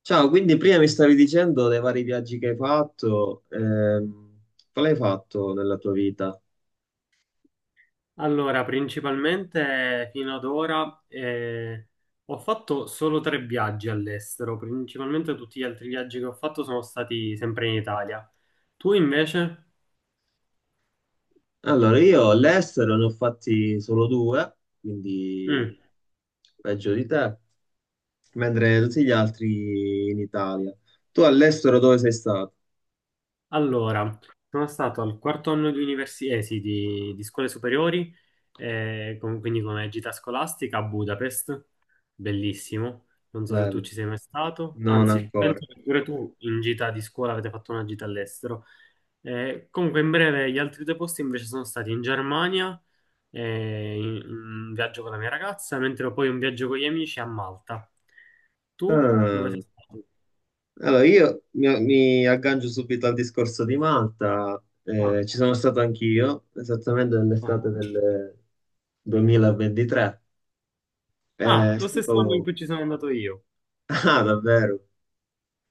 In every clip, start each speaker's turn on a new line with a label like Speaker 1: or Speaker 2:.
Speaker 1: Ciao, quindi prima mi stavi dicendo dei vari viaggi che hai fatto, quale hai fatto nella tua vita?
Speaker 2: Allora, principalmente fino ad ora ho fatto solo tre viaggi all'estero, principalmente tutti gli altri viaggi che ho fatto sono stati sempre in Italia. Tu invece?
Speaker 1: Allora, io all'estero ne ho fatti solo due, quindi
Speaker 2: Mm.
Speaker 1: peggio di te, mentre tutti gli altri in Italia. Tu all'estero dove sei stato?
Speaker 2: Allora, sono stato al quarto anno di università, sì, di scuole superiori, quindi come gita scolastica a Budapest, bellissimo. Non so se tu
Speaker 1: Bello,
Speaker 2: ci sei mai stato,
Speaker 1: non
Speaker 2: anzi,
Speaker 1: ancora.
Speaker 2: penso che pure tu in gita di scuola avete fatto una gita all'estero. Comunque, in breve, gli altri due posti invece sono stati in Germania, un viaggio con la mia ragazza, mentre poi un viaggio con gli amici a Malta. Tu dove
Speaker 1: Ah,
Speaker 2: sei stato?
Speaker 1: allora, io mi aggancio subito al discorso di Malta.
Speaker 2: Ah,
Speaker 1: Ci sono stato anch'io, esattamente
Speaker 2: ah.
Speaker 1: nell'estate del 2023.
Speaker 2: Ah,
Speaker 1: È
Speaker 2: lo stesso anno in
Speaker 1: stato...
Speaker 2: cui ci sono andato io.
Speaker 1: Ah, davvero?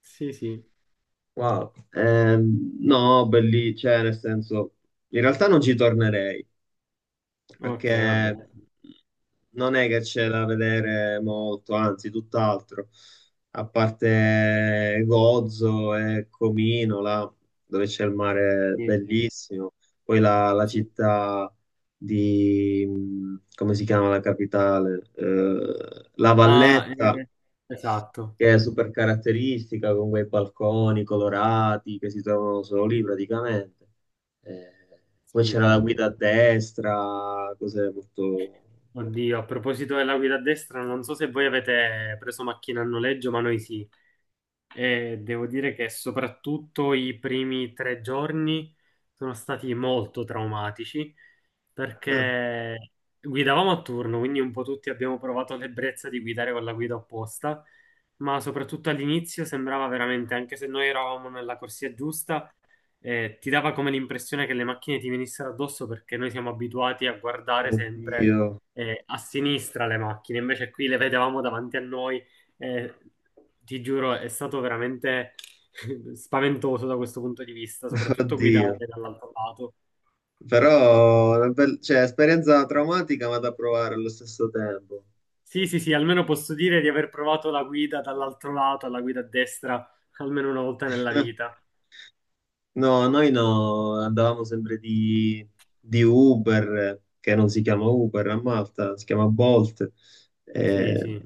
Speaker 2: Sì, sì.
Speaker 1: Wow. No, belli, cioè, nel senso, in realtà non ci tornerei,
Speaker 2: Ok, va
Speaker 1: perché
Speaker 2: bene.
Speaker 1: non è che c'è da vedere molto, anzi, tutt'altro. A parte Gozo e Comino, là, dove c'è il mare
Speaker 2: Sì, sì,
Speaker 1: bellissimo, poi la
Speaker 2: sì.
Speaker 1: città di... Come si chiama la capitale? La
Speaker 2: Ah,
Speaker 1: Valletta,
Speaker 2: esatto.
Speaker 1: che è super caratteristica con quei balconi colorati che si trovano solo lì praticamente. Eh, poi
Speaker 2: Sì,
Speaker 1: c'era la
Speaker 2: sì.
Speaker 1: guida a destra, cose molto...
Speaker 2: Oddio, a proposito della guida a destra, non so se voi avete preso macchina a noleggio, ma noi sì. E devo dire che soprattutto i primi 3 giorni sono stati molto traumatici perché guidavamo a turno, quindi un po' tutti abbiamo provato l'ebbrezza di guidare con la guida opposta, ma soprattutto all'inizio sembrava veramente, anche se noi eravamo nella corsia giusta, ti dava come l'impressione che le macchine ti venissero addosso perché noi siamo abituati a guardare sempre
Speaker 1: Oddio,
Speaker 2: a sinistra le macchine, invece qui le vedevamo davanti a noi. eh, Ti giuro, è stato veramente spaventoso da questo punto di vista, soprattutto guidare
Speaker 1: oddio.
Speaker 2: dall'altro lato.
Speaker 1: Però, cioè, esperienza traumatica ma da provare allo stesso tempo.
Speaker 2: Sì, sì, sì, almeno posso dire di aver provato la guida dall'altro lato, alla guida a destra, almeno una volta nella vita.
Speaker 1: No, noi no, andavamo sempre di Uber, che non si chiama Uber a Malta, si chiama Bolt.
Speaker 2: Sì,
Speaker 1: Eh,
Speaker 2: sì.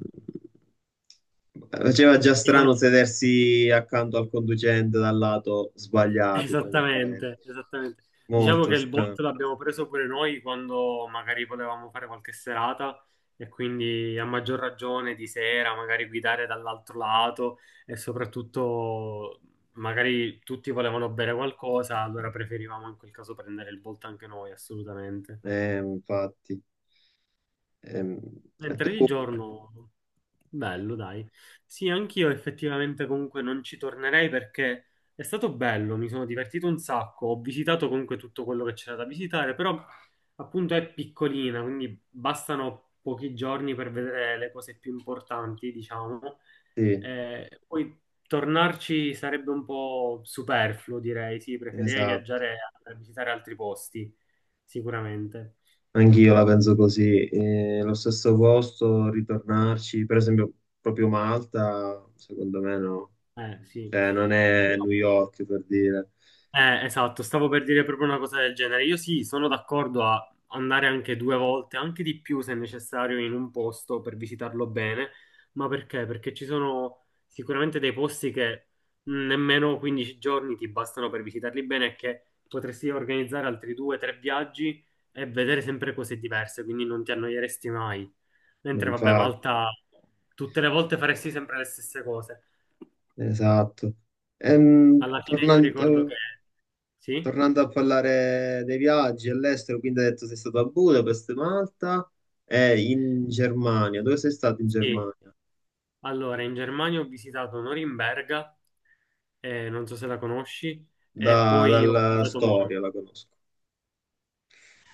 Speaker 1: Faceva già
Speaker 2: Diciamo.
Speaker 1: strano sedersi accanto al conducente dal lato sbagliato, tra
Speaker 2: Esattamente,
Speaker 1: virgolette.
Speaker 2: esattamente. Diciamo
Speaker 1: Molto
Speaker 2: che il
Speaker 1: strano.
Speaker 2: bot l'abbiamo preso pure noi quando magari potevamo fare qualche serata e quindi a maggior ragione di sera magari guidare dall'altro lato e soprattutto magari tutti volevano bere qualcosa, allora preferivamo in quel caso prendere il bot anche noi, assolutamente.
Speaker 1: Infatti. Ehm, e tu?
Speaker 2: Mentre di giorno, bello, dai. Sì, anch'io effettivamente comunque non ci tornerei perché è stato bello, mi sono divertito un sacco, ho visitato comunque tutto quello che c'era da visitare, però appunto è piccolina, quindi bastano pochi giorni per vedere le cose più importanti, diciamo.
Speaker 1: Sì,
Speaker 2: Poi tornarci sarebbe un po' superfluo, direi, sì, preferirei
Speaker 1: esatto.
Speaker 2: viaggiare a visitare altri posti, sicuramente.
Speaker 1: Anch'io la penso così. Lo stesso posto, ritornarci, per esempio, proprio Malta, secondo me no.
Speaker 2: Sì.
Speaker 1: Cioè, non è
Speaker 2: No,
Speaker 1: New York per dire.
Speaker 2: eh, esatto, stavo per dire proprio una cosa del genere. Io sì, sono d'accordo a andare anche due volte, anche di più se necessario, in un posto per visitarlo bene. Ma perché? Perché ci sono sicuramente dei posti che nemmeno 15 giorni ti bastano per visitarli bene e che potresti organizzare altri due, tre viaggi e vedere sempre cose diverse, quindi non ti annoieresti mai.
Speaker 1: No,
Speaker 2: Mentre, vabbè,
Speaker 1: infatti,
Speaker 2: Malta, tutte le volte faresti sempre le stesse cose.
Speaker 1: esatto. Ehm,
Speaker 2: Alla fine io ricordo che...
Speaker 1: tornando,
Speaker 2: Sì?
Speaker 1: tornando a parlare dei viaggi all'estero, quindi hai detto sei stato a Budapest, Malta e in Germania. Dove sei stato in
Speaker 2: Sì.
Speaker 1: Germania?
Speaker 2: Allora, in Germania ho visitato Norimberga, non so se la conosci, e poi ho
Speaker 1: Dalla
Speaker 2: visitato
Speaker 1: storia
Speaker 2: Monaco.
Speaker 1: la conosco.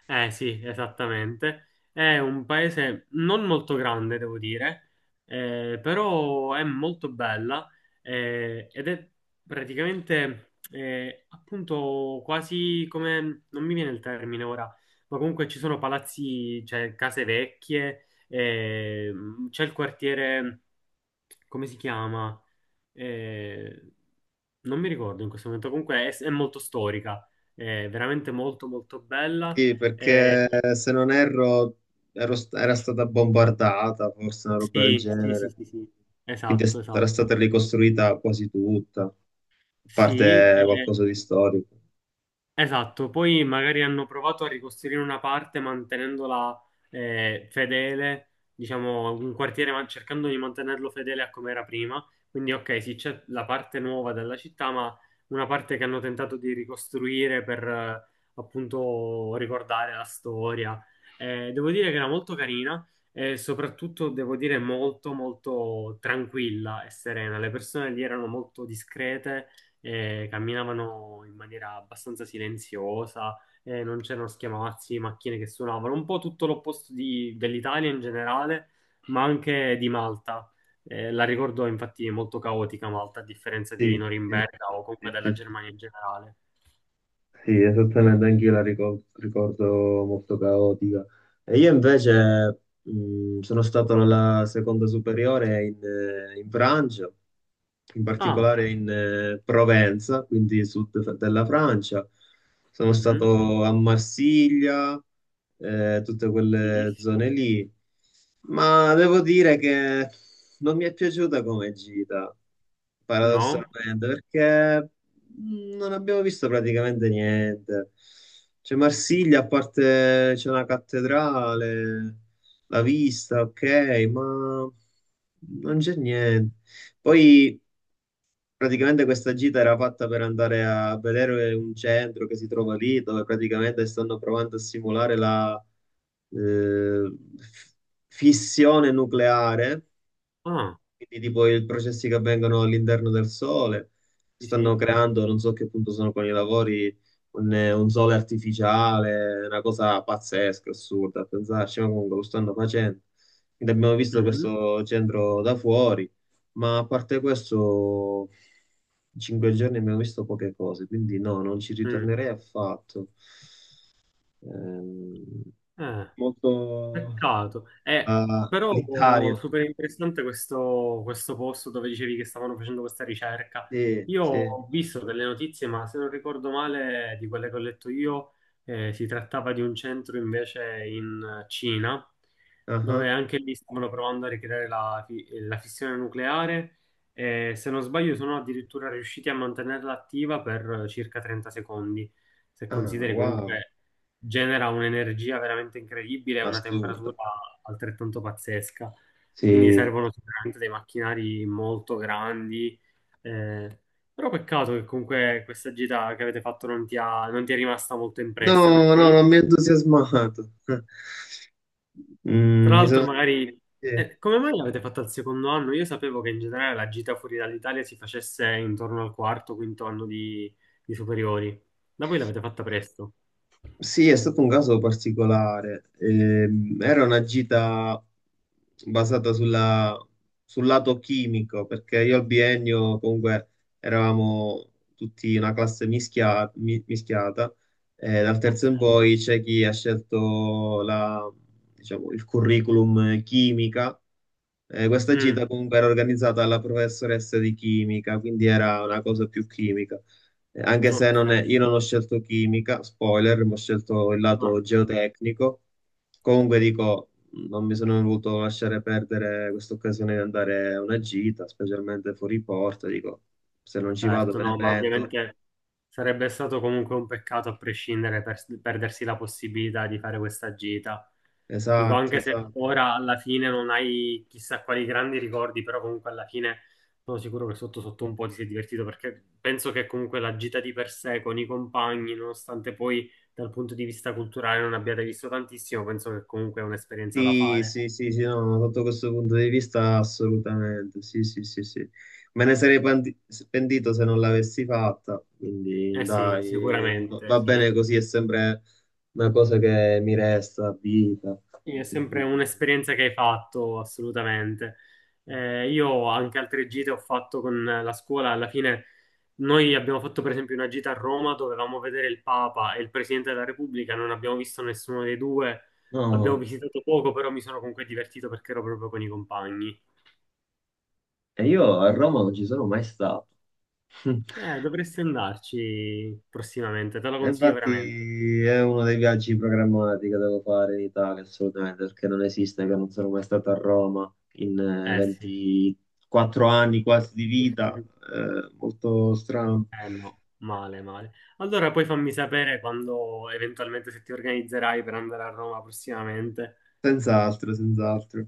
Speaker 2: Eh sì, esattamente. È un paese non molto grande, devo dire, però è molto bella ed è praticamente appunto quasi come, non mi viene il termine ora, ma comunque ci sono palazzi, cioè case vecchie, c'è il quartiere come si chiama? Eh, Non mi ricordo in questo momento, comunque è molto storica, è veramente molto molto bella.
Speaker 1: Sì,
Speaker 2: Eh,
Speaker 1: perché se non erro, era stata bombardata, forse una roba del
Speaker 2: sì, sì, sì,
Speaker 1: genere.
Speaker 2: sì, sì,
Speaker 1: Quindi
Speaker 2: esatto,
Speaker 1: era
Speaker 2: esatto.
Speaker 1: stata ricostruita quasi tutta, a
Speaker 2: Sì,
Speaker 1: parte qualcosa di storico.
Speaker 2: esatto, poi magari hanno provato a ricostruire una parte mantenendola fedele, diciamo un quartiere cercando di mantenerlo fedele a come era prima. Quindi ok, sì, c'è la parte nuova della città, ma una parte che hanno tentato di ricostruire per appunto ricordare la storia. Devo dire che era molto carina e soprattutto devo dire molto molto tranquilla e serena. Le persone lì erano molto discrete camminavano in maniera abbastanza silenziosa, non c'erano schiamazzi, macchine che suonavano, un po' tutto l'opposto dell'Italia in generale, ma anche di Malta. La ricordo infatti molto caotica Malta, a differenza di
Speaker 1: Sì, sì,
Speaker 2: Norimberga o comunque
Speaker 1: sì,
Speaker 2: della
Speaker 1: sì,
Speaker 2: Germania
Speaker 1: sì,
Speaker 2: in generale.
Speaker 1: sì, esattamente, anch'io la ricordo molto caotica. E io invece sono stato alla seconda superiore in, in Francia, in
Speaker 2: Ah,
Speaker 1: particolare in Provenza, quindi sud della Francia. Sono
Speaker 2: mhm,
Speaker 1: stato a Marsiglia, tutte quelle zone
Speaker 2: bellissimo.
Speaker 1: lì, ma devo dire che non mi è piaciuta come gita,
Speaker 2: No?
Speaker 1: paradossalmente, perché... Non abbiamo visto praticamente niente. C'è Marsiglia, a parte c'è una cattedrale, la vista, ok, ma non c'è niente. Poi praticamente questa gita era fatta per andare a vedere un centro che si trova lì, dove praticamente stanno provando a simulare la eh, f- fissione nucleare,
Speaker 2: Ah,
Speaker 1: quindi tipo i processi che avvengono all'interno del Sole.
Speaker 2: sì,
Speaker 1: Stanno
Speaker 2: sì.
Speaker 1: creando, non so a che punto sono con i lavori, un Sole artificiale, una cosa pazzesca, assurda, a pensarci, ma comunque lo stanno facendo. Quindi abbiamo visto
Speaker 2: Mhm,
Speaker 1: questo centro da fuori, ma a parte questo, in 5 giorni abbiamo visto poche cose, quindi no, non ci
Speaker 2: mm,
Speaker 1: ritornerei affatto. Ehm,
Speaker 2: eh.
Speaker 1: molto...
Speaker 2: Peccato.
Speaker 1: Ah,
Speaker 2: Però
Speaker 1: l'Italia,
Speaker 2: super interessante questo posto dove dicevi che stavano facendo questa ricerca.
Speaker 1: sì,
Speaker 2: Io
Speaker 1: sì.
Speaker 2: ho visto delle notizie, ma se non ricordo male, di quelle che ho letto io, si trattava di un centro invece in Cina,
Speaker 1: Ah, ah.
Speaker 2: dove anche lì stavano provando a ricreare la fissione nucleare e se non sbaglio sono addirittura riusciti a mantenerla attiva per circa 30 secondi. Se
Speaker 1: Ah,
Speaker 2: consideri
Speaker 1: wow,
Speaker 2: comunque genera un'energia veramente incredibile e una temperatura
Speaker 1: assurdo.
Speaker 2: altrettanto pazzesca. Quindi
Speaker 1: Sì.
Speaker 2: servono sicuramente dei macchinari molto grandi. eh, Però peccato che comunque questa gita che avete fatto non ti è rimasta molto impressa,
Speaker 1: No,
Speaker 2: perché
Speaker 1: no,
Speaker 2: io,
Speaker 1: non mi ha entusiasmato.
Speaker 2: tra
Speaker 1: Mm,
Speaker 2: l'altro, magari...
Speaker 1: eh,
Speaker 2: Come mai l'avete fatta al secondo anno? Io sapevo che in generale la gita fuori dall'Italia si facesse intorno al quarto, quinto anno di superiori. Da voi l'avete fatta presto.
Speaker 1: sì, è stato un caso particolare. Era una gita basata sulla- sul lato chimico, perché io al biennio comunque eravamo tutti una classe mischiata, e dal
Speaker 2: Ok.
Speaker 1: terzo in poi c'è chi ha scelto diciamo, il curriculum chimica. Questa
Speaker 2: Mm,
Speaker 1: gita comunque era organizzata dalla professoressa di chimica, quindi era una cosa più chimica. Anche se
Speaker 2: ok.
Speaker 1: non è- io non ho scelto chimica, spoiler, ma ho scelto il
Speaker 2: Ah,
Speaker 1: lato geotecnico. Comunque dico, non mi sono voluto lasciare perdere questa occasione di andare a una gita, specialmente fuori porta. Dico, se non ci vado
Speaker 2: certo,
Speaker 1: me ne
Speaker 2: no, ma
Speaker 1: pento.
Speaker 2: ovviamente sarebbe stato comunque un peccato a prescindere perdersi la possibilità di fare questa gita. Dico,
Speaker 1: Esatto,
Speaker 2: anche se
Speaker 1: esatto.
Speaker 2: ora alla fine non hai chissà quali grandi ricordi, però comunque alla fine sono sicuro che sotto sotto un po' ti sei divertito perché penso che comunque la gita di per sé con i compagni, nonostante poi dal punto di vista culturale non abbiate visto tantissimo, penso che comunque è un'esperienza da
Speaker 1: Sì,
Speaker 2: fare.
Speaker 1: sì, sì, sì, no, no, sotto questo punto di vista assolutamente, sì, sì, sì, sì. Me ne sarei pentito se non l'avessi fatta, quindi
Speaker 2: Eh sì,
Speaker 1: dai,
Speaker 2: sicuramente,
Speaker 1: va
Speaker 2: sì.
Speaker 1: bene così, è sempre una cosa che mi resta a vita.
Speaker 2: Sì, è sempre
Speaker 1: Quindi,
Speaker 2: un'esperienza che hai fatto, assolutamente. Io anche altre gite ho fatto con la scuola. Alla fine noi abbiamo fatto per esempio una gita a Roma, dovevamo vedere il Papa e il Presidente della Repubblica, non abbiamo visto nessuno dei due, abbiamo
Speaker 1: no,
Speaker 2: visitato poco, però mi sono comunque divertito perché ero proprio con i compagni.
Speaker 1: e io a Roma non ci sono mai stato.
Speaker 2: Dovresti andarci prossimamente, te lo
Speaker 1: E
Speaker 2: consiglio veramente.
Speaker 1: infatti è uno dei viaggi programmati che devo fare in Italia, assolutamente, perché non esiste che non sono mai stato a Roma in
Speaker 2: Eh sì.
Speaker 1: 24 anni quasi di vita, molto strano,
Speaker 2: Eh no, male, male. Allora poi fammi sapere quando eventualmente se ti organizzerai per andare a Roma prossimamente.
Speaker 1: senz'altro, senz'altro.